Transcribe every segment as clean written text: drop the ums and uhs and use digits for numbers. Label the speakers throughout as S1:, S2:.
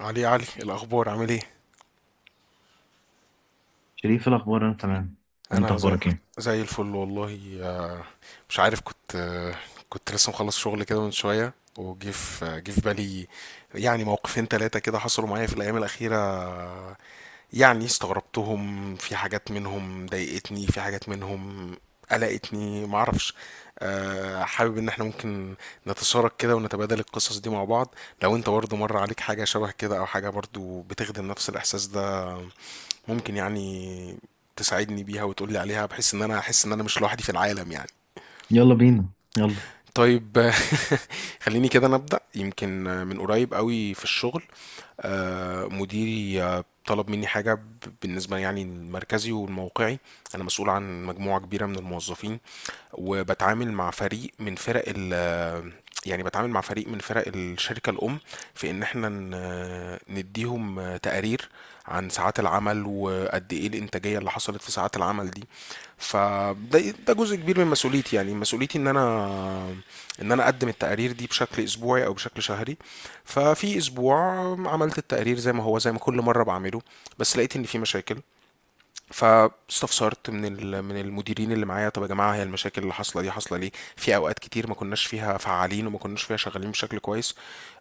S1: علي علي الأخبار عامل ايه؟
S2: شريف، إيه الأخبار؟ أنا تمام. أنت
S1: أنا زي,
S2: أخبارك إيه؟
S1: زي الفل والله، آه، مش عارف كنت، آه، كنت لسه مخلص شغل كده من شوية وجه في آه، جه في بالي يعني موقفين تلاتة كده حصلوا معايا في الأيام الأخيرة، آه، يعني استغربتهم في حاجات منهم ضايقتني في حاجات منهم قلقتني معرفش. آه، حابب ان احنا ممكن نتشارك كده ونتبادل القصص دي مع بعض. لو انت برضو مر عليك حاجة شبه كده او حاجة برضو بتخدم نفس الاحساس ده ممكن يعني تساعدني بيها وتقولي عليها بحيث ان انا احس ان انا مش لوحدي في العالم يعني.
S2: يلا بينا يلا.
S1: طيب. خليني كده نبدأ يمكن من قريب قوي في الشغل. آه، مديري آه، طلب مني بالنسبة يعني المركزي والموقعي. أنا مسؤول عن مجموعة كبيرة من الموظفين وبتعامل مع فريق من فرق ال يعني بتعامل مع فريق من فرق الشركة الأم، في إن إحنا نديهم تقارير عن ساعات العمل وقد إيه الإنتاجية اللي حصلت في ساعات العمل دي. فده ده جزء كبير من مسؤوليتي، يعني مسؤوليتي إن أنا أقدم التقارير دي بشكل أسبوعي أو بشكل شهري. ففي أسبوع عملت التقرير زي ما هو زي ما كل مرة بعمله، بس لقيت إن في مشاكل. فاستفسرت من المديرين اللي معايا، طب يا جماعه هي المشاكل اللي حاصله دي حاصله ليه في اوقات كتير ما كناش فيها فعالين وما كناش فيها شغالين بشكل كويس.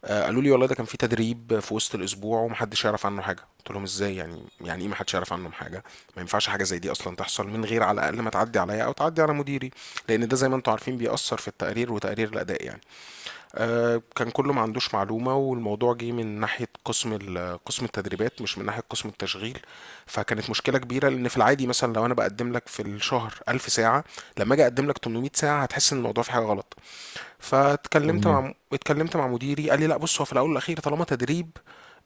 S1: آه، قالوا لي والله ده كان في تدريب في وسط الاسبوع ومحدش يعرف عنه حاجه. قلت لهم ازاي، يعني ايه محدش يعرف عنه حاجه، ما ينفعش حاجه زي دي اصلا تحصل من غير على الاقل ما تعدي عليا او تعدي على مديري، لان ده زي ما انتم عارفين بيأثر في التقرير وتقرير الاداء يعني. آه، كان كله ما عندوش معلومة، والموضوع جه من ناحية قسم التدريبات مش من ناحية قسم التشغيل. فكانت مشكلة كبيرة، لأن في العادي مثلا لو أنا بقدم لك في الشهر 1000 ساعة لما أجي أقدم لك 800 ساعة هتحس إن الموضوع في حاجة غلط. فاتكلمت
S2: طبيعي.
S1: مع اتكلمت مع مديري قال لي لا بص، هو في الاول والاخير طالما تدريب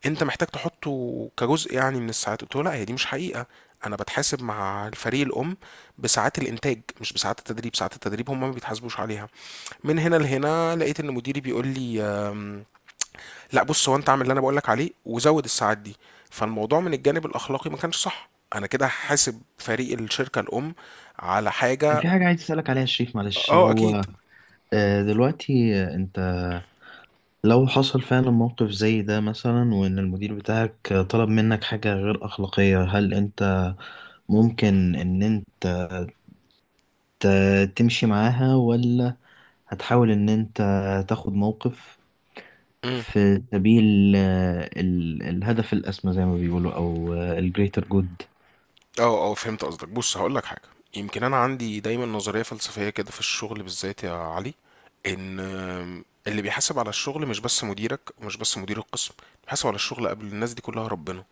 S1: انت محتاج تحطه كجزء يعني من الساعات. قلت له لا هي دي مش حقيقه، انا بتحاسب مع الفريق الام بساعات الانتاج مش بساعات التدريب، ساعات التدريب هم ما بيتحاسبوش عليها. من هنا لهنا لقيت ان مديري بيقول لي لا بص، هو انت اعمل اللي انا بقول لك عليه وزود الساعات دي. فالموضوع من الجانب الاخلاقي ما كانش صح، انا كده هحاسب فريق الشركه الام على حاجه.
S2: في حاجة عايز أسألك عليها يا شريف، معلش.
S1: اه اكيد.
S2: هو دلوقتي، أنت لو حصل فعلا موقف زي ده مثلا وإن المدير بتاعك طلب منك حاجة غير أخلاقية، هل أنت ممكن إن أنت تمشي معاها، ولا هتحاول إن أنت تاخد موقف
S1: مم.
S2: في سبيل الهدف الأسمى زي ما بيقولوا، أو الجريتر جود؟
S1: اه، اه فهمت قصدك. بص هقولك حاجة، يمكن انا عندي دايما نظرية فلسفية كده في الشغل بالذات يا علي، ان اللي بيحاسب على الشغل مش بس مديرك ومش بس مدير القسم، اللي بيحاسب على الشغل قبل الناس دي كلها ربنا،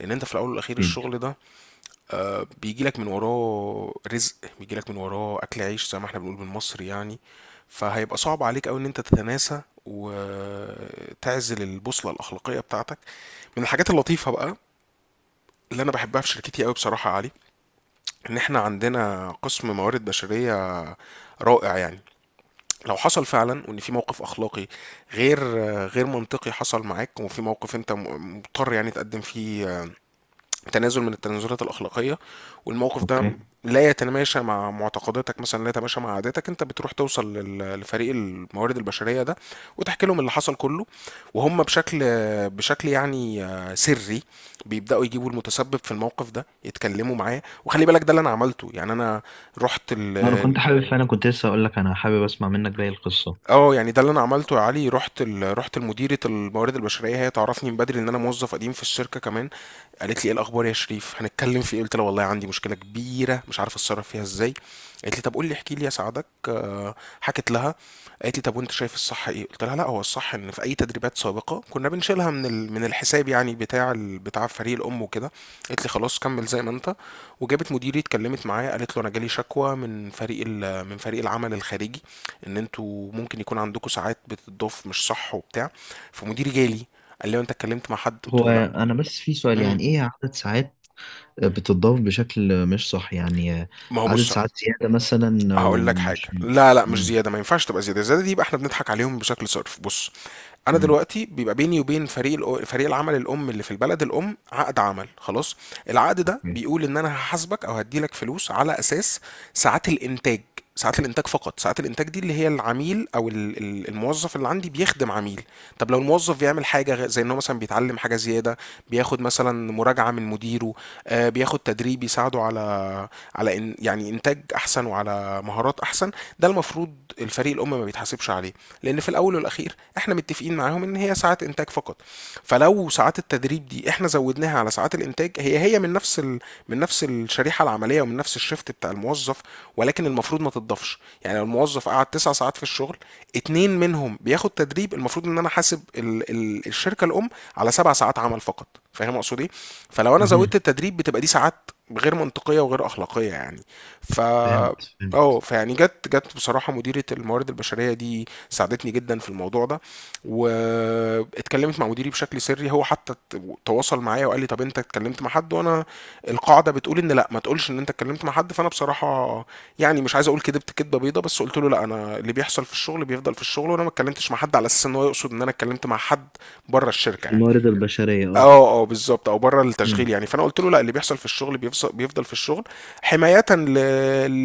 S1: لان انت في الاول والاخير الشغل ده آه، بيجيلك من وراه رزق، بيجيلك من وراه اكل عيش زي ما احنا بنقول بالمصري يعني. فهيبقى صعب عليك قوي ان انت تتناسى وتعزل البوصلة الاخلاقية بتاعتك. من الحاجات اللطيفة بقى اللي انا بحبها في شركتي قوي بصراحة يا علي، ان احنا عندنا قسم موارد بشرية رائع يعني. لو حصل فعلا وان في موقف اخلاقي غير غير منطقي حصل معاك، وفي موقف انت مضطر يعني تقدم فيه تنازل من التنازلات الاخلاقيه والموقف ده
S2: أوكي.
S1: لا يتماشى مع معتقداتك، مثلا لا يتماشى مع عاداتك، انت بتروح توصل لفريق الموارد البشريه ده وتحكي لهم اللي حصل كله، وهم بشكل يعني آه، سري بيبداوا يجيبوا المتسبب في الموقف ده يتكلموا معاه. وخلي بالك ده اللي انا عملته، يعني انا رحت
S2: انا
S1: ال-
S2: كنت حابب فعلا، كنت لسه اقول لك انا حابب اسمع منك باقي القصه.
S1: اه يعني ده اللي انا عملته يا علي رحت رحت لمديره الموارد البشريه، هي تعرفني من بدري ان انا موظف قديم في الشركه كمان. قالت لي ايه الاخبار يا شريف هنتكلم في ايه، قلت لها والله عندي مشكله كبيره مش عارف اتصرف فيها ازاي. قالت لي طب قول لي احكي لي اساعدك. آه، حكت لها، قالت لي طب وانت شايف الصح ايه، قلت لها لا هو الصح ان في اي تدريبات سابقه كنا بنشيلها من الحساب يعني بتاع فريق الام وكده. قالت لي خلاص كمل زي ما انت. وجابت مديري اتكلمت معايا قالت له انا جالي شكوى من فريق العمل الخارجي، ان انتوا ممكن يكون عندكم ساعات بتضاف مش صح وبتاع. فمديري جالي قال لي انت اتكلمت مع حد، قلت
S2: هو
S1: له لا.
S2: انا بس في سؤال،
S1: امم.
S2: يعني ايه عدد ساعات بتضاف بشكل مش صح يعني؟
S1: ما هو
S2: عدد
S1: بص
S2: ساعات زياده مثلا او
S1: هقول لك حاجه،
S2: مش؟
S1: لا لا مش
S2: امم.
S1: زياده، ما ينفعش تبقى زياده، الزياده دي يبقى احنا بنضحك عليهم بشكل صرف. بص، انا
S2: امم.
S1: دلوقتي بيبقى بيني وبين فريق العمل الام اللي في البلد الام عقد عمل خلاص. العقد ده
S2: اوكي.
S1: بيقول ان انا هحاسبك او هديلك فلوس على اساس ساعات الانتاج، ساعات الانتاج فقط. ساعات الانتاج دي اللي هي العميل، او الموظف اللي عندي بيخدم عميل. طب لو الموظف بيعمل زي انه مثلا بيتعلم حاجه زياده، بياخد مثلا مراجعه من مديره، آه، بياخد تدريب يساعده على على إن يعني انتاج احسن وعلى مهارات احسن. ده المفروض الفريق الام ما بيتحاسبش عليه، لان في الاول والاخير احنا متفقين معاهم ان هي ساعات انتاج فقط. فلو ساعات التدريب دي احنا زودناها على ساعات الانتاج، هي من نفس من نفس الشريحه العمليه ومن نفس الشفت بتاع الموظف، ولكن المفروض ما تضافش. يعني لو الموظف قعد تسع ساعات في الشغل اتنين منهم بياخد تدريب، المفروض ان انا حاسب الشركه الام على سبع ساعات عمل فقط، فاهم اقصد ايه. فلو انا
S2: مهم.
S1: زودت التدريب بتبقى دي ساعات غير منطقيه وغير اخلاقيه يعني. ف
S2: فهمت
S1: اه
S2: فهمت.
S1: فيعني جت بصراحه مديره الموارد البشريه دي ساعدتني جدا في الموضوع ده، واتكلمت مع مديري بشكل سري، هو حتى تواصل معايا وقال لي طب انت اتكلمت مع حد، وانا القاعده بتقول ان لا ما تقولش ان انت اتكلمت مع حد. فانا بصراحه يعني مش عايز اقول كدبت كدبه بيضه، بس قلت له لا انا اللي بيحصل في الشغل بيفضل في الشغل، وانا ما اتكلمتش مع حد، على اساس ان هو يقصد ان انا اتكلمت مع حد بره الشركه
S2: في
S1: يعني.
S2: الموارد البشرية،
S1: اه
S2: اه.
S1: اه بالظبط، او بره التشغيل
S2: امم.
S1: يعني. فانا قلت له لا اللي بيحصل في الشغل بيفضل في الشغل، حمايه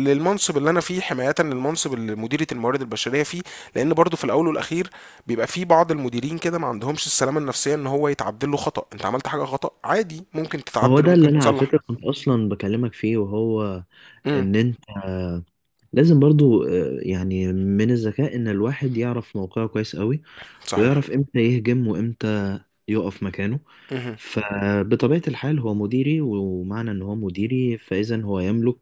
S1: للمنصب اللي انا فيه، حمايه للمنصب اللي مديريه الموارد البشريه فيه، لان برضو في الاول والاخير بيبقى في بعض المديرين كده ما عندهمش السلامه النفسيه ان هو يتعدل له خطا، انت عملت حاجه خطا عادي ممكن
S2: وهو
S1: تتعدل
S2: ده اللي
S1: وممكن
S2: انا على
S1: تصلح.
S2: فكرة كنت اصلا بكلمك فيه. وهو
S1: امم.
S2: ان انت لازم برضو، يعني، من الذكاء ان الواحد يعرف موقعه كويس قوي،
S1: صحيح.
S2: ويعرف امتى يهجم وامتى يقف مكانه.
S1: امم.
S2: فبطبيعة الحال هو مديري، ومعنى ان هو مديري فاذا هو يملك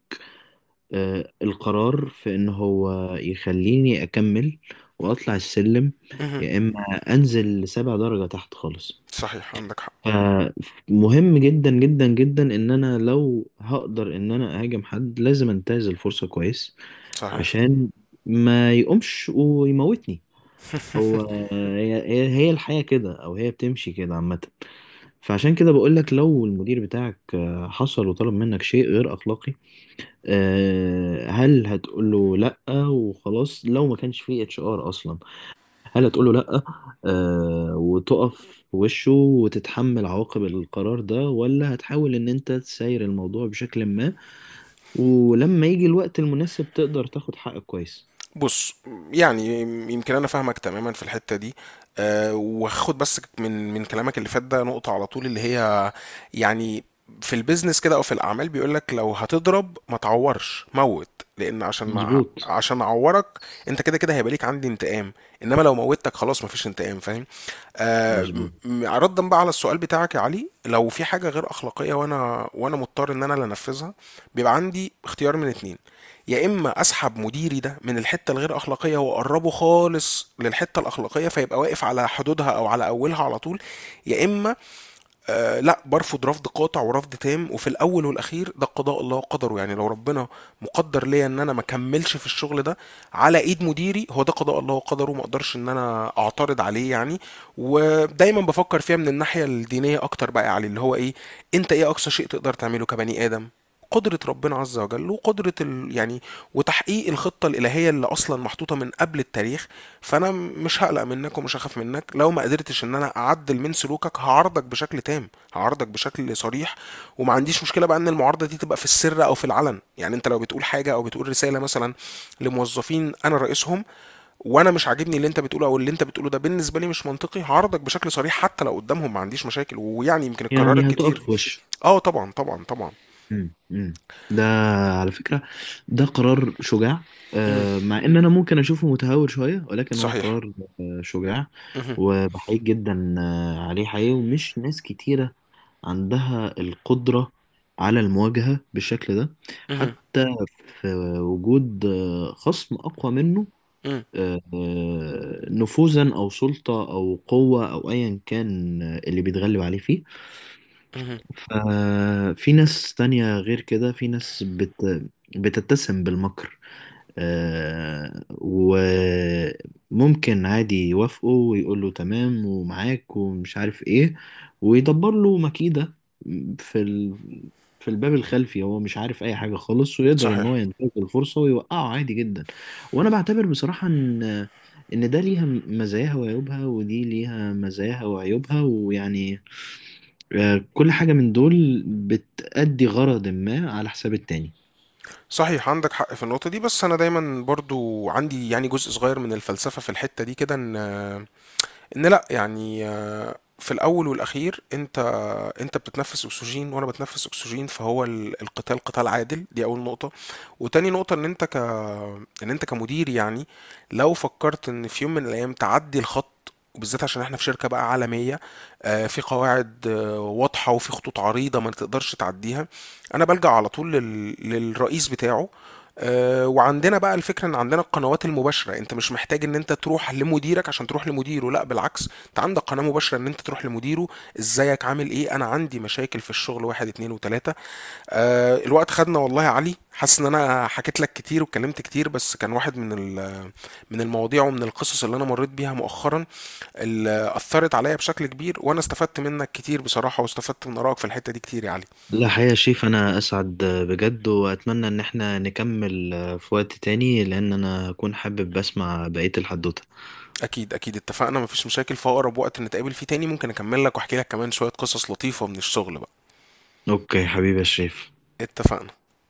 S2: القرار في ان هو يخليني اكمل واطلع السلم،
S1: امم.
S2: يا اما انزل سبع درجة تحت خالص.
S1: صحيح عندك حق.
S2: فمهم جدا جدا جدا ان انا لو هقدر ان انا اهاجم حد لازم انتهز الفرصة كويس،
S1: صحيح.
S2: عشان ما يقومش ويموتني. هو هي الحياة كده، أو هي بتمشي كده عامة. فعشان كده بقولك، لو المدير بتاعك حصل وطلب منك شيء غير أخلاقي، هل هتقوله لأ وخلاص؟ لو ما كانش فيه HR أصلا، هل هتقوله لأ وتقف في وشه وتتحمل عواقب القرار ده؟ ولا هتحاول إن أنت تساير الموضوع بشكل ما، ولما يجي الوقت المناسب تقدر تاخد حقك كويس؟
S1: بُص، يعني يمكن أنا فاهمك تمامًا في الحتّة دي، وهاخد بس من كلامك اللي فات ده نقطة على طول اللي هي يعني، في الbusiness كده أو في الأعمال بيقول لك لو هتضرب ما تعوّرش، موّت، لإن عشان ما
S2: مظبوط.
S1: عشان أعوّرك أنت كده هيبقى ليك عندي انتقام، إنما لو موّتك خلاص ما فيش انتقام، فاهم؟
S2: مظبوط.
S1: رَدًا بقى على السؤال بتاعك يا علي، لو في حاجة غير أخلاقية وأنا مضطر إن أنا اللي أنفذها، بيبقى عندي اختيار من 2. يا اما اسحب مديري ده من الحته الغير اخلاقيه واقربه خالص للحته الاخلاقيه فيبقى واقف على حدودها او على اولها على طول. يا اما آه لا برفض رفض قاطع ورفض تام، وفي الاول والاخير ده قضاء الله وقدره يعني. لو ربنا مقدر ليا ان انا ما كملش في الشغل ده على ايد مديري هو ده قضاء الله وقدره، ما اقدرش ان انا اعترض عليه يعني. ودايما بفكر فيها من الناحيه الدينيه اكتر بقى علي، اللي هو ايه، انت ايه اقصى شيء تقدر تعمله كبني ادم؟ قدرة ربنا عز وجل وقدرة يعني وتحقيق الخطة الإلهية اللي أصلا محطوطة من قبل التاريخ. فأنا مش هقلق منك ومش هخاف منك، لو ما قدرتش إن أنا أعدل من سلوكك هعارضك بشكل تام، هعارضك بشكل صريح، وما عنديش مشكلة بقى إن المعارضة دي تبقى في السر أو في العلن. يعني أنت لو بتقول حاجة أو بتقول رسالة مثلا لموظفين أنا رئيسهم وأنا مش عاجبني اللي أنت بتقوله، أو اللي أنت بتقوله ده بالنسبة لي مش منطقي، هعارضك بشكل صريح حتى لو قدامهم، ما عنديش مشاكل، ويعني يمكن اتكررت
S2: يعني
S1: كتير.
S2: هتقف في وشه؟
S1: اه طبعا طبعا طبعا.
S2: مم. مم. ده، على فكرة، ده قرار شجاع،
S1: مم.
S2: مع ان انا ممكن اشوفه متهور شوية، ولكن هو
S1: صحيح.
S2: قرار شجاع.
S1: اهم.
S2: وبحييك جدا عليه حقيقي. ومش ناس كتيرة عندها القدرة على المواجهة بالشكل ده،
S1: اهم.
S2: حتى في وجود خصم اقوى منه،
S1: إمم.
S2: نفوذا او سلطة او قوة او ايا كان، اللي بيتغلب عليه فيه.
S1: اهم.
S2: ففي ناس تانية غير كده، في ناس بتتسم بالمكر، آه وممكن عادي يوافقه ويقول له تمام ومعاك ومش عارف ايه، ويدبر له مكيدة في ال... في الباب الخلفي، هو مش عارف اي حاجة خالص، ويقدر ان هو
S1: صحيح.
S2: ينتهز الفرصة ويوقعه عادي جدا. وانا بعتبر بصراحة ان ده ليها مزاياها وعيوبها، ودي ليها مزاياها وعيوبها، ويعني كل حاجة من دول بتأدي غرض ما على حساب التاني.
S1: صحيح عندك حق في النقطة دي، بس أنا دايمًا برضه عندي يعني جزء صغير من الفلسفة في الحتة دي كده، إن لأ، يعني في الأول والأخير انت بتتنفس اكسجين وانا بتنفس اكسجين، فهو القتال قتال عادل، دي اول نقطة. وتاني نقطة ان انت ك ان انت كمدير يعني لو فكرت ان في يوم من الايام تعدي الخط، وبالذات عشان احنا في شركة بقى عالمية، آه، في قواعد آه، واضحة وفي خطوط عريضة ما تقدرش تعديها، انا بلجأ على طول للرئيس بتاعه. آه، وعندنا بقى الفكرة ان عندنا القنوات المباشرة، انت مش محتاج ان انت تروح لمديرك عشان تروح لمديره، لا بالعكس انت عندك قناة مباشرة ان انت تروح لمديره، ازيك عامل ايه انا عندي مشاكل في الشغل واحد اتنين وتلاتة. آه الوقت خدنا والله يا علي، حاسس ان انا حكيت لك كتير واتكلمت كتير، بس كان واحد من المواضيع ومن القصص اللي انا مريت بيها مؤخرا اللي اثرت عليا بشكل كبير، وانا استفدت منك كتير بصراحة واستفدت من ارائك في الحتة دي كتير يا علي.
S2: لا حقيقة يا شيف، أنا أسعد بجد. وأتمنى إن احنا نكمل في وقت تاني، لأن أنا أكون حابب أسمع بقية الحدوتة.
S1: اكيد اكيد اتفقنا مفيش مشاكل، في اقرب وقت نتقابل فيه تاني ممكن اكمل لك واحكي لك كمان شوية قصص لطيفة من الشغل بقى.
S2: أوكي حبيبي يا شريف.
S1: اتفقنا.